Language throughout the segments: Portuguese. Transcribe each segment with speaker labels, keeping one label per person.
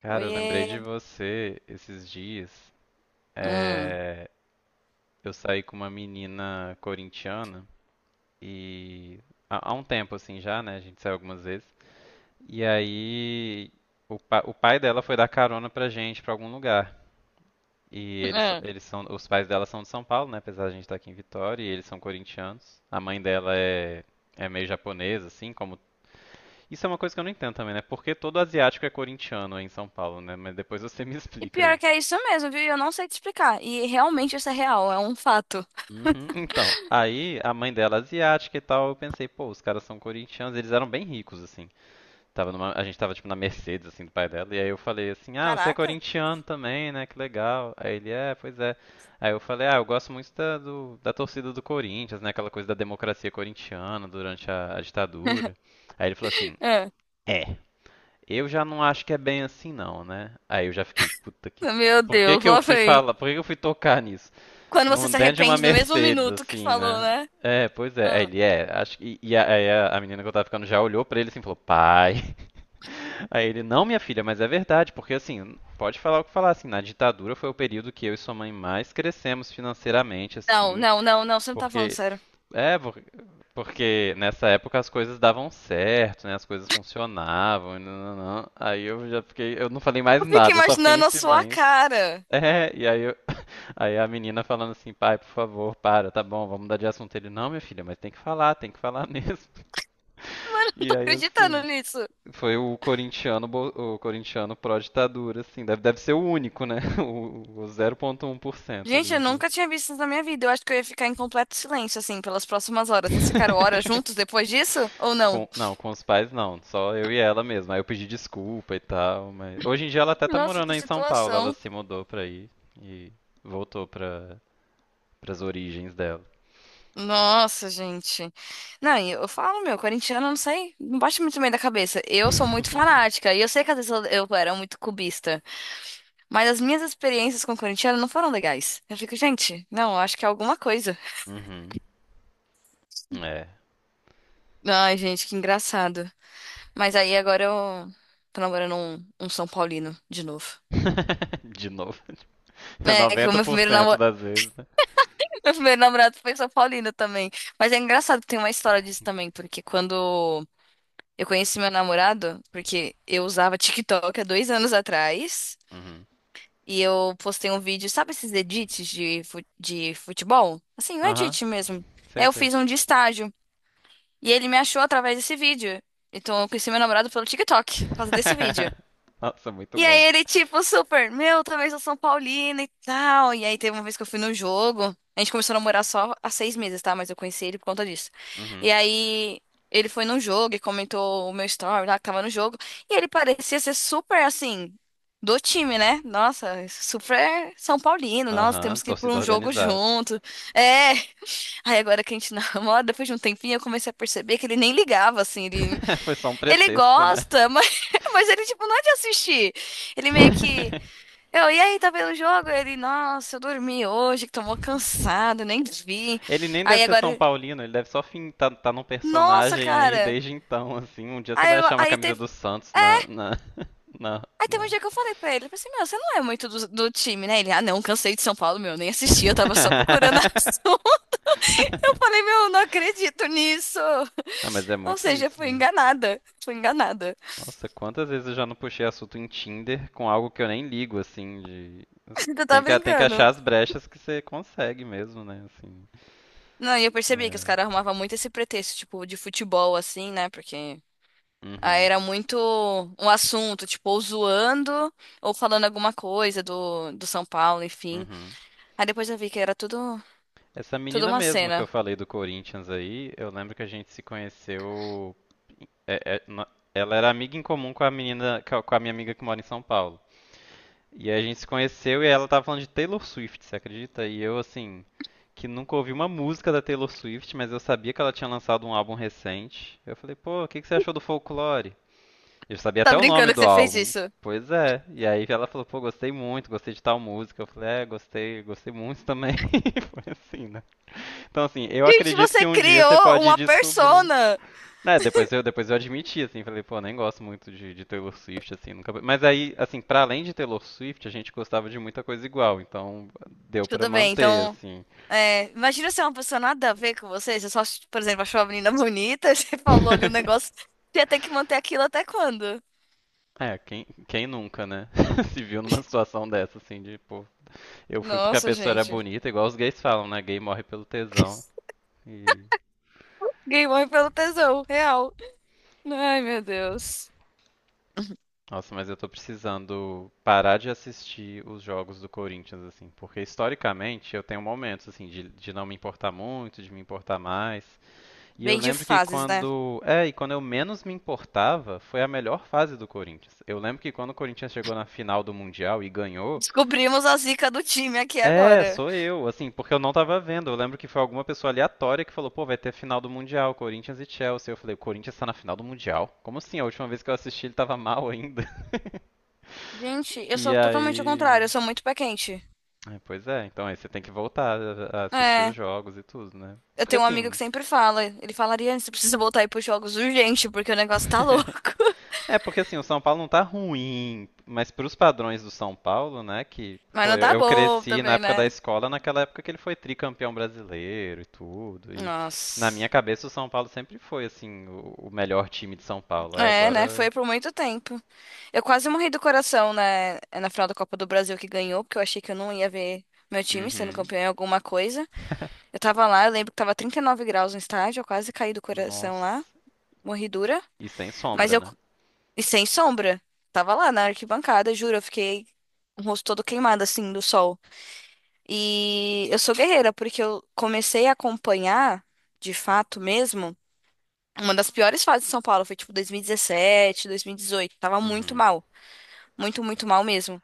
Speaker 1: Cara, eu lembrei de
Speaker 2: Oiê.
Speaker 1: você esses dias.
Speaker 2: Hum.
Speaker 1: É. Eu saí com uma menina corintiana e há um tempo assim já, né? A gente saiu algumas vezes. E aí o pai dela foi dar carona pra gente pra algum lugar. E
Speaker 2: Ah,
Speaker 1: os pais dela são de São Paulo, né? Apesar de a gente estar aqui em Vitória, e eles são corintianos. A mãe dela é meio japonesa, assim, como. Isso é uma coisa que eu não entendo também, né? Porque todo asiático é corintiano aí em São Paulo, né? Mas depois você me
Speaker 2: E
Speaker 1: explica
Speaker 2: pior
Speaker 1: isso.
Speaker 2: que é isso mesmo, viu? E Eu não sei te explicar. E realmente isso é real, é um fato.
Speaker 1: Uhum. Então, aí a mãe dela é asiática e tal, eu pensei, pô, os caras são corintianos, eles eram bem ricos, assim. A gente tava tipo na Mercedes, assim, do pai dela, e aí eu falei assim, ah, você é
Speaker 2: Caraca.
Speaker 1: corintiano também, né? Que legal. Aí ele, é, pois é. Aí eu falei, ah, eu gosto muito da torcida do Corinthians, né? Aquela coisa da democracia corintiana durante a ditadura. Aí ele falou assim,
Speaker 2: É.
Speaker 1: é. Eu já não acho que é bem assim não, né? Aí eu já fiquei, puta que...
Speaker 2: Meu
Speaker 1: Por que
Speaker 2: Deus,
Speaker 1: que eu
Speaker 2: lá
Speaker 1: fui
Speaker 2: vem.
Speaker 1: falar? Por que que eu fui tocar nisso?
Speaker 2: Quando você se
Speaker 1: Dentro de uma
Speaker 2: arrepende no mesmo
Speaker 1: Mercedes,
Speaker 2: minuto que
Speaker 1: assim,
Speaker 2: falou,
Speaker 1: né?
Speaker 2: né?
Speaker 1: É, pois é. Aí
Speaker 2: Ah.
Speaker 1: ele é, acho que. E a menina que eu tava ficando já olhou pra ele assim e falou, pai. Aí ele, não, minha filha, mas é verdade, porque assim, pode falar o que falar, assim, na ditadura foi o período que eu e sua mãe mais crescemos financeiramente,
Speaker 2: Não,
Speaker 1: assim,
Speaker 2: não, não, não, você não tá falando
Speaker 1: porque.
Speaker 2: sério.
Speaker 1: É, por- Porque nessa época as coisas davam certo, né? As coisas funcionavam, e não, não, não. Aí eu já fiquei. Eu não falei mais
Speaker 2: Eu fico
Speaker 1: nada, eu só fiquei em
Speaker 2: imaginando a sua
Speaker 1: silêncio.
Speaker 2: cara.
Speaker 1: É. Aí a menina falando assim, pai, por favor, para, tá bom, vamos mudar de assunto. Ele, não, minha filha, mas tem que falar mesmo.
Speaker 2: Mano, eu não
Speaker 1: E
Speaker 2: tô
Speaker 1: aí,
Speaker 2: acreditando
Speaker 1: assim,
Speaker 2: nisso.
Speaker 1: foi o corintiano pró-ditadura, assim, deve ser o único, né? O 0,1%
Speaker 2: Gente, eu
Speaker 1: ali.
Speaker 2: nunca tinha visto isso na minha vida. Eu acho que eu ia ficar em completo silêncio, assim, pelas próximas horas. Vocês ficaram horas juntos depois disso? Ou não?
Speaker 1: Não, com os pais não, só eu e ela mesmo. Aí eu pedi desculpa e tal, mas hoje em dia ela até tá
Speaker 2: Nossa,
Speaker 1: morando
Speaker 2: que
Speaker 1: aí em São Paulo, ela
Speaker 2: situação.
Speaker 1: se mudou pra aí e voltou pras origens dela.
Speaker 2: Nossa, gente. Não, e eu falo, meu, corintiano, não sei, não bate muito bem da cabeça. Eu sou muito fanática, e eu sei que às vezes eu era muito cubista, mas as minhas experiências com corintiano não foram legais. Eu fico, gente, não, acho que é alguma coisa.
Speaker 1: Uhum. É.
Speaker 2: Ai, gente, que engraçado. Mas aí agora eu tô namorando um São Paulino de novo.
Speaker 1: De novo.
Speaker 2: É, que o meu primeiro
Speaker 1: 90%
Speaker 2: namorado,
Speaker 1: das vezes, né?
Speaker 2: meu primeiro namorado foi São Paulino também. Mas é engraçado que tem uma história disso também, porque quando eu conheci meu namorado, porque eu usava TikTok há 2 anos atrás
Speaker 1: Uhum.
Speaker 2: e eu postei um vídeo. Sabe esses edits de, de futebol? Assim, um
Speaker 1: Aham,
Speaker 2: edit mesmo. Aí
Speaker 1: sei,
Speaker 2: eu
Speaker 1: sei.
Speaker 2: fiz um de estágio e ele me achou através desse vídeo. Então eu conheci meu namorado pelo TikTok por causa desse vídeo.
Speaker 1: Nossa, muito
Speaker 2: E
Speaker 1: bom.
Speaker 2: aí ele, tipo, super, meu, talvez eu sou São Paulino e tal. E aí teve uma vez que eu fui no jogo. A gente começou a namorar só há 6 meses, tá? Mas eu conheci ele por conta disso.
Speaker 1: Uhum.
Speaker 2: E aí ele foi num jogo e comentou o meu story lá que tava no jogo. E ele parecia ser super, assim, do time, né? Nossa, super São Paulino. Nossa,
Speaker 1: Aham,
Speaker 2: temos que ir pra
Speaker 1: torcida
Speaker 2: um jogo
Speaker 1: organizada.
Speaker 2: junto. É. Aí agora que a gente namora, depois de um tempinho, eu comecei a perceber que ele nem ligava, assim. Ele
Speaker 1: Foi só um
Speaker 2: ele
Speaker 1: pretexto, né?
Speaker 2: gosta, mas, mas ele, tipo, não é de assistir. Ele meio que. Eu, e aí, tá vendo o jogo? Ele, nossa, eu dormi hoje, que tô mó cansado, nem vi.
Speaker 1: Ele nem
Speaker 2: Aí
Speaker 1: deve ser São
Speaker 2: agora,
Speaker 1: Paulino, ele deve só fim, tá num
Speaker 2: nossa,
Speaker 1: personagem aí
Speaker 2: cara.
Speaker 1: desde então, assim. Um dia você
Speaker 2: Aí,
Speaker 1: vai
Speaker 2: eu-
Speaker 1: achar uma
Speaker 2: aí
Speaker 1: camisa
Speaker 2: teve.
Speaker 1: do Santos na.
Speaker 2: Aí teve um
Speaker 1: na...
Speaker 2: dia que eu falei pra ele, eu falei assim, meu, você não é muito do, time, né? Ele, ah, não, cansei de São Paulo, meu, nem assisti, eu tava só procurando a ação. Eu falei, meu, eu não acredito nisso.
Speaker 1: ah, mas é
Speaker 2: Ou
Speaker 1: muito
Speaker 2: seja,
Speaker 1: isso
Speaker 2: fui
Speaker 1: mesmo.
Speaker 2: enganada. Fui enganada.
Speaker 1: Nossa, quantas vezes eu já não puxei assunto em Tinder com algo que eu nem ligo, assim.
Speaker 2: Você tá
Speaker 1: Tem que achar
Speaker 2: brincando.
Speaker 1: as brechas que você consegue mesmo, né, assim.
Speaker 2: Não, e eu percebi que os caras
Speaker 1: É.
Speaker 2: arrumavam muito esse pretexto, tipo, de futebol, assim, né? Porque aí
Speaker 1: Uhum,
Speaker 2: era muito um assunto, tipo, ou zoando ou falando alguma coisa do, São Paulo, enfim.
Speaker 1: uhum.
Speaker 2: Aí depois eu vi que era
Speaker 1: Essa
Speaker 2: tudo
Speaker 1: menina
Speaker 2: uma
Speaker 1: mesmo que eu
Speaker 2: cena.
Speaker 1: falei do Corinthians aí, eu lembro que a gente se conheceu... é- é- no- Ela era amiga em comum com a menina, com a minha amiga que mora em São Paulo. E a gente se conheceu e ela tava falando de Taylor Swift, você acredita? E eu, assim, que nunca ouvi uma música da Taylor Swift, mas eu sabia que ela tinha lançado um álbum recente. Eu falei, pô, o que que você achou do Folklore? Eu sabia
Speaker 2: Tá
Speaker 1: até o nome
Speaker 2: brincando que
Speaker 1: do
Speaker 2: você fez
Speaker 1: álbum.
Speaker 2: isso?
Speaker 1: Pois é. E aí ela falou, pô, gostei muito, gostei de tal música. Eu falei, é, gostei, gostei muito também. Foi assim, né? Então, assim, eu
Speaker 2: Gente,
Speaker 1: acredito que
Speaker 2: você
Speaker 1: um dia você
Speaker 2: criou
Speaker 1: pode
Speaker 2: uma
Speaker 1: descobrir.
Speaker 2: persona!
Speaker 1: É, depois eu admiti, assim, falei, pô, nem gosto muito de Taylor Swift, assim, nunca. Mas aí, assim, pra além de Taylor Swift, a gente gostava de muita coisa igual, então deu pra
Speaker 2: Tudo bem,
Speaker 1: manter,
Speaker 2: então.
Speaker 1: assim.
Speaker 2: É, imagina se é uma pessoa nada a ver com você. Você só, por exemplo, achou a menina bonita, você falou ali um negócio. Você ia ter que manter aquilo até quando?
Speaker 1: É, quem nunca, né? Se viu numa situação dessa, assim, de, pô, eu fui porque a
Speaker 2: Nossa,
Speaker 1: pessoa era
Speaker 2: gente.
Speaker 1: bonita, igual os gays falam, né? Gay morre pelo tesão. E,
Speaker 2: Gay morre pelo tesão, real. Ai, meu Deus.
Speaker 1: nossa, mas eu tô precisando parar de assistir os jogos do Corinthians, assim, porque historicamente eu tenho momentos, assim, de não me importar muito, de me importar mais. E eu
Speaker 2: Bem de
Speaker 1: lembro que
Speaker 2: fases, né?
Speaker 1: quando. É, e quando eu menos me importava, foi a melhor fase do Corinthians. Eu lembro que quando o Corinthians chegou na final do Mundial e ganhou.
Speaker 2: Descobrimos a zica do time aqui
Speaker 1: É,
Speaker 2: agora.
Speaker 1: sou eu, assim, porque eu não tava vendo. Eu lembro que foi alguma pessoa aleatória que falou, pô, vai ter final do Mundial, Corinthians e Chelsea. Eu falei, o Corinthians tá na final do Mundial? Como assim? A última vez que eu assisti ele tava mal ainda.
Speaker 2: Gente, eu
Speaker 1: E
Speaker 2: sou totalmente ao
Speaker 1: aí.
Speaker 2: contrário, eu sou muito pé quente.
Speaker 1: Pois é, então aí você tem que voltar a assistir os
Speaker 2: É,
Speaker 1: jogos e tudo, né?
Speaker 2: eu
Speaker 1: Porque
Speaker 2: tenho um amigo que
Speaker 1: assim,
Speaker 2: sempre fala, ele falaria, você precisa voltar aí pros jogos urgente, porque o negócio tá louco.
Speaker 1: É, porque assim, o São Paulo não tá ruim, mas pros padrões do São Paulo, né, que,
Speaker 2: Mas
Speaker 1: pô,
Speaker 2: não
Speaker 1: eu,
Speaker 2: tá
Speaker 1: eu
Speaker 2: bom
Speaker 1: cresci na
Speaker 2: também,
Speaker 1: época da
Speaker 2: né?
Speaker 1: escola, naquela época que ele foi tricampeão brasileiro e tudo, e na
Speaker 2: Nossa.
Speaker 1: minha cabeça o São Paulo sempre foi, assim, o melhor time de São Paulo. Aí
Speaker 2: É, né? Foi
Speaker 1: agora,
Speaker 2: por muito tempo. Eu quase morri do coração, né? É Na final da Copa do Brasil que ganhou, porque eu achei que eu não ia ver meu time sendo
Speaker 1: uhum,
Speaker 2: campeão em alguma coisa. Eu tava lá, eu lembro que tava 39 graus no estádio, eu quase caí do coração lá,
Speaker 1: nossa,
Speaker 2: morri dura,
Speaker 1: e sem
Speaker 2: mas
Speaker 1: sombra,
Speaker 2: eu,
Speaker 1: né?
Speaker 2: e sem sombra, tava lá na arquibancada, juro, eu fiquei com o rosto todo queimado, assim, do sol. E eu sou guerreira, porque eu comecei a acompanhar, de fato mesmo, uma das piores fases de São Paulo, foi tipo 2017, 2018, tava muito
Speaker 1: Uhum.
Speaker 2: mal, muito mal mesmo.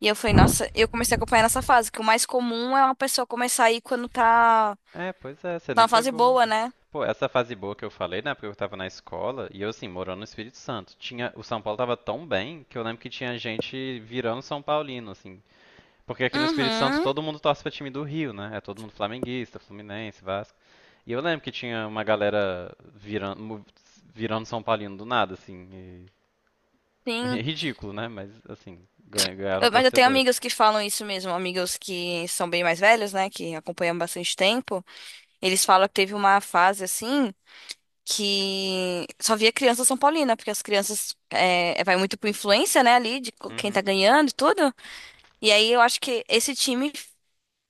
Speaker 2: E eu falei, nossa, eu comecei a acompanhar nessa fase, que o mais comum é uma pessoa começar a ir quando
Speaker 1: É, pois é, você
Speaker 2: tá
Speaker 1: nem
Speaker 2: numa fase
Speaker 1: pegou.
Speaker 2: boa, né?
Speaker 1: Pô, essa fase boa que eu falei, né? Porque eu tava na escola e eu, assim, morando no Espírito Santo. O São Paulo tava tão bem que eu lembro que tinha gente virando São Paulino, assim. Porque aqui no Espírito Santo
Speaker 2: Uhum.
Speaker 1: todo mundo torce pra time do Rio, né? É todo mundo flamenguista, Fluminense, Vasco. E eu lembro que tinha uma galera virando São Paulino do nada, assim.
Speaker 2: Sim,
Speaker 1: É ridículo, né? Mas, assim, ganharam
Speaker 2: Eu- mas eu tenho
Speaker 1: torcedores.
Speaker 2: amigas que falam isso mesmo, amigas que são bem mais velhas, né, que acompanham bastante tempo. Eles falam que teve uma fase assim que só via criança São Paulina, porque as crianças é, vai muito por influência, né, ali de quem tá
Speaker 1: Uhum.
Speaker 2: ganhando e tudo. E aí eu acho que esse time,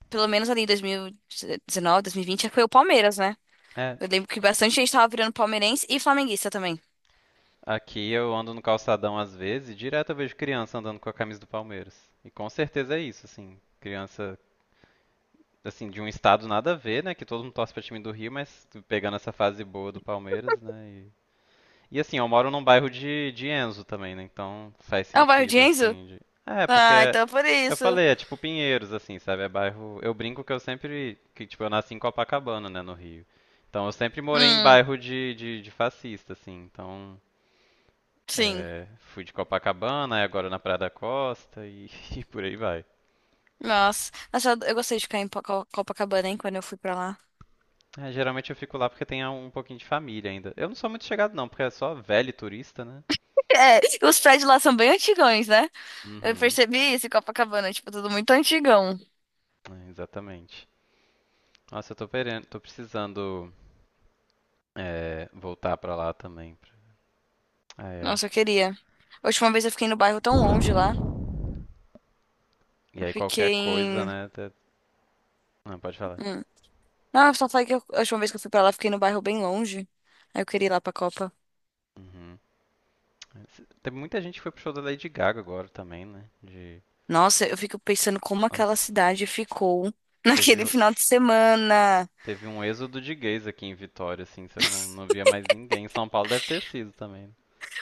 Speaker 2: pelo menos ali em 2019, 2020, foi o Palmeiras, né?
Speaker 1: É.
Speaker 2: Eu lembro que bastante gente tava virando palmeirense e flamenguista também.
Speaker 1: Aqui eu ando no calçadão às vezes e direto eu vejo criança andando com a camisa do Palmeiras. E com certeza é isso, assim. Criança, assim, de um estado nada a ver, né? Que todo mundo torce pra time do Rio, mas pegando essa fase boa do Palmeiras, né? E assim, eu moro num bairro de Enzo também, né? Então faz
Speaker 2: É o bairro de
Speaker 1: sentido,
Speaker 2: Enzo?
Speaker 1: assim. É, porque
Speaker 2: Ah, então por
Speaker 1: eu
Speaker 2: isso.
Speaker 1: falei, é tipo Pinheiros, assim, sabe? É bairro. Eu brinco que eu sempre. Que, tipo, eu nasci em Copacabana, né, no Rio. Então eu sempre morei em
Speaker 2: Hum,
Speaker 1: bairro de fascista, assim. Então.
Speaker 2: sim.
Speaker 1: É, fui de Copacabana, aí agora na Praia da Costa e, e por aí vai.
Speaker 2: Nossa, nossa, eu gostei de ficar em Copacabana, hein, quando eu fui pra lá.
Speaker 1: É, geralmente eu fico lá porque tem um pouquinho de família ainda. Eu não sou muito chegado, não, porque é só velho e turista, né?
Speaker 2: É, os prédios lá são bem antigões, né? Eu
Speaker 1: Uhum,
Speaker 2: percebi isso em Copacabana, tipo, tudo muito antigão.
Speaker 1: é, exatamente. Nossa, eu tô precisando. É, voltar pra lá também. Ai, ai.
Speaker 2: Nossa, eu queria. A última vez eu fiquei no bairro tão longe lá.
Speaker 1: E
Speaker 2: Eu
Speaker 1: aí
Speaker 2: fiquei
Speaker 1: qualquer coisa,
Speaker 2: em.
Speaker 1: né? Não, pode falar.
Speaker 2: Hum. Não, eu só falei que a última vez que eu fui pra lá, eu fiquei no bairro bem longe. Aí eu queria ir lá pra Copa.
Speaker 1: Uhum. Teve muita gente que foi pro show da Lady Gaga agora também, né? De.
Speaker 2: Nossa, eu fico pensando como aquela
Speaker 1: Nossa.
Speaker 2: cidade ficou naquele
Speaker 1: Teve,
Speaker 2: final de semana.
Speaker 1: teve um êxodo de gays aqui em Vitória, assim, você não via mais ninguém. Em São Paulo deve ter sido também.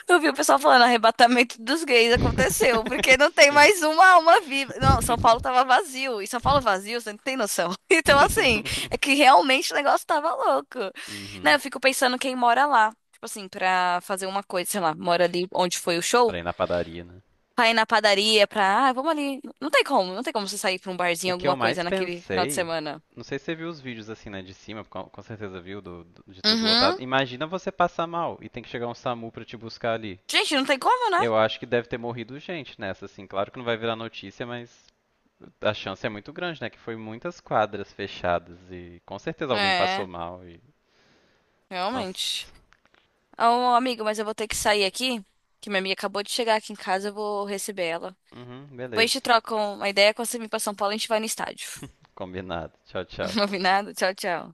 Speaker 2: Eu vi o pessoal falando, arrebatamento dos gays aconteceu, porque não tem
Speaker 1: Sim.
Speaker 2: mais uma alma viva. Não, São Paulo tava vazio, e São Paulo vazio, você não tem noção. Então, assim, é que realmente o negócio tava louco. Né,
Speaker 1: Uhum.
Speaker 2: eu fico pensando quem mora lá, tipo assim, pra fazer uma coisa, sei lá, mora ali onde foi o show,
Speaker 1: Pra ir na padaria, né?
Speaker 2: pra ir na padaria, pra, ah, vamos ali. Não tem como, não tem como você sair pra um
Speaker 1: O
Speaker 2: barzinho,
Speaker 1: que eu
Speaker 2: alguma coisa
Speaker 1: mais
Speaker 2: naquele final de
Speaker 1: pensei,
Speaker 2: semana.
Speaker 1: não sei se você viu os vídeos assim, né, de cima, com certeza viu, de tudo
Speaker 2: Uhum.
Speaker 1: lotado. Imagina você passar mal e tem que chegar um SAMU pra te buscar ali.
Speaker 2: Gente, não tem como, né?
Speaker 1: Eu acho que deve ter morrido gente nessa, assim. Claro que não vai virar notícia, mas a chance é muito grande, né? Que foi muitas quadras fechadas e com certeza alguém passou
Speaker 2: É,
Speaker 1: mal.
Speaker 2: realmente.
Speaker 1: Nossa.
Speaker 2: Ô, amigo, mas eu vou ter que sair aqui, que minha amiga acabou de chegar aqui em casa, eu vou receber ela.
Speaker 1: Uhum,
Speaker 2: Depois a
Speaker 1: beleza.
Speaker 2: gente troca uma ideia, quando você vir pra São Paulo, a gente vai no estádio.
Speaker 1: Combinado. Tchau, tchau.
Speaker 2: Combinado? Tchau, tchau.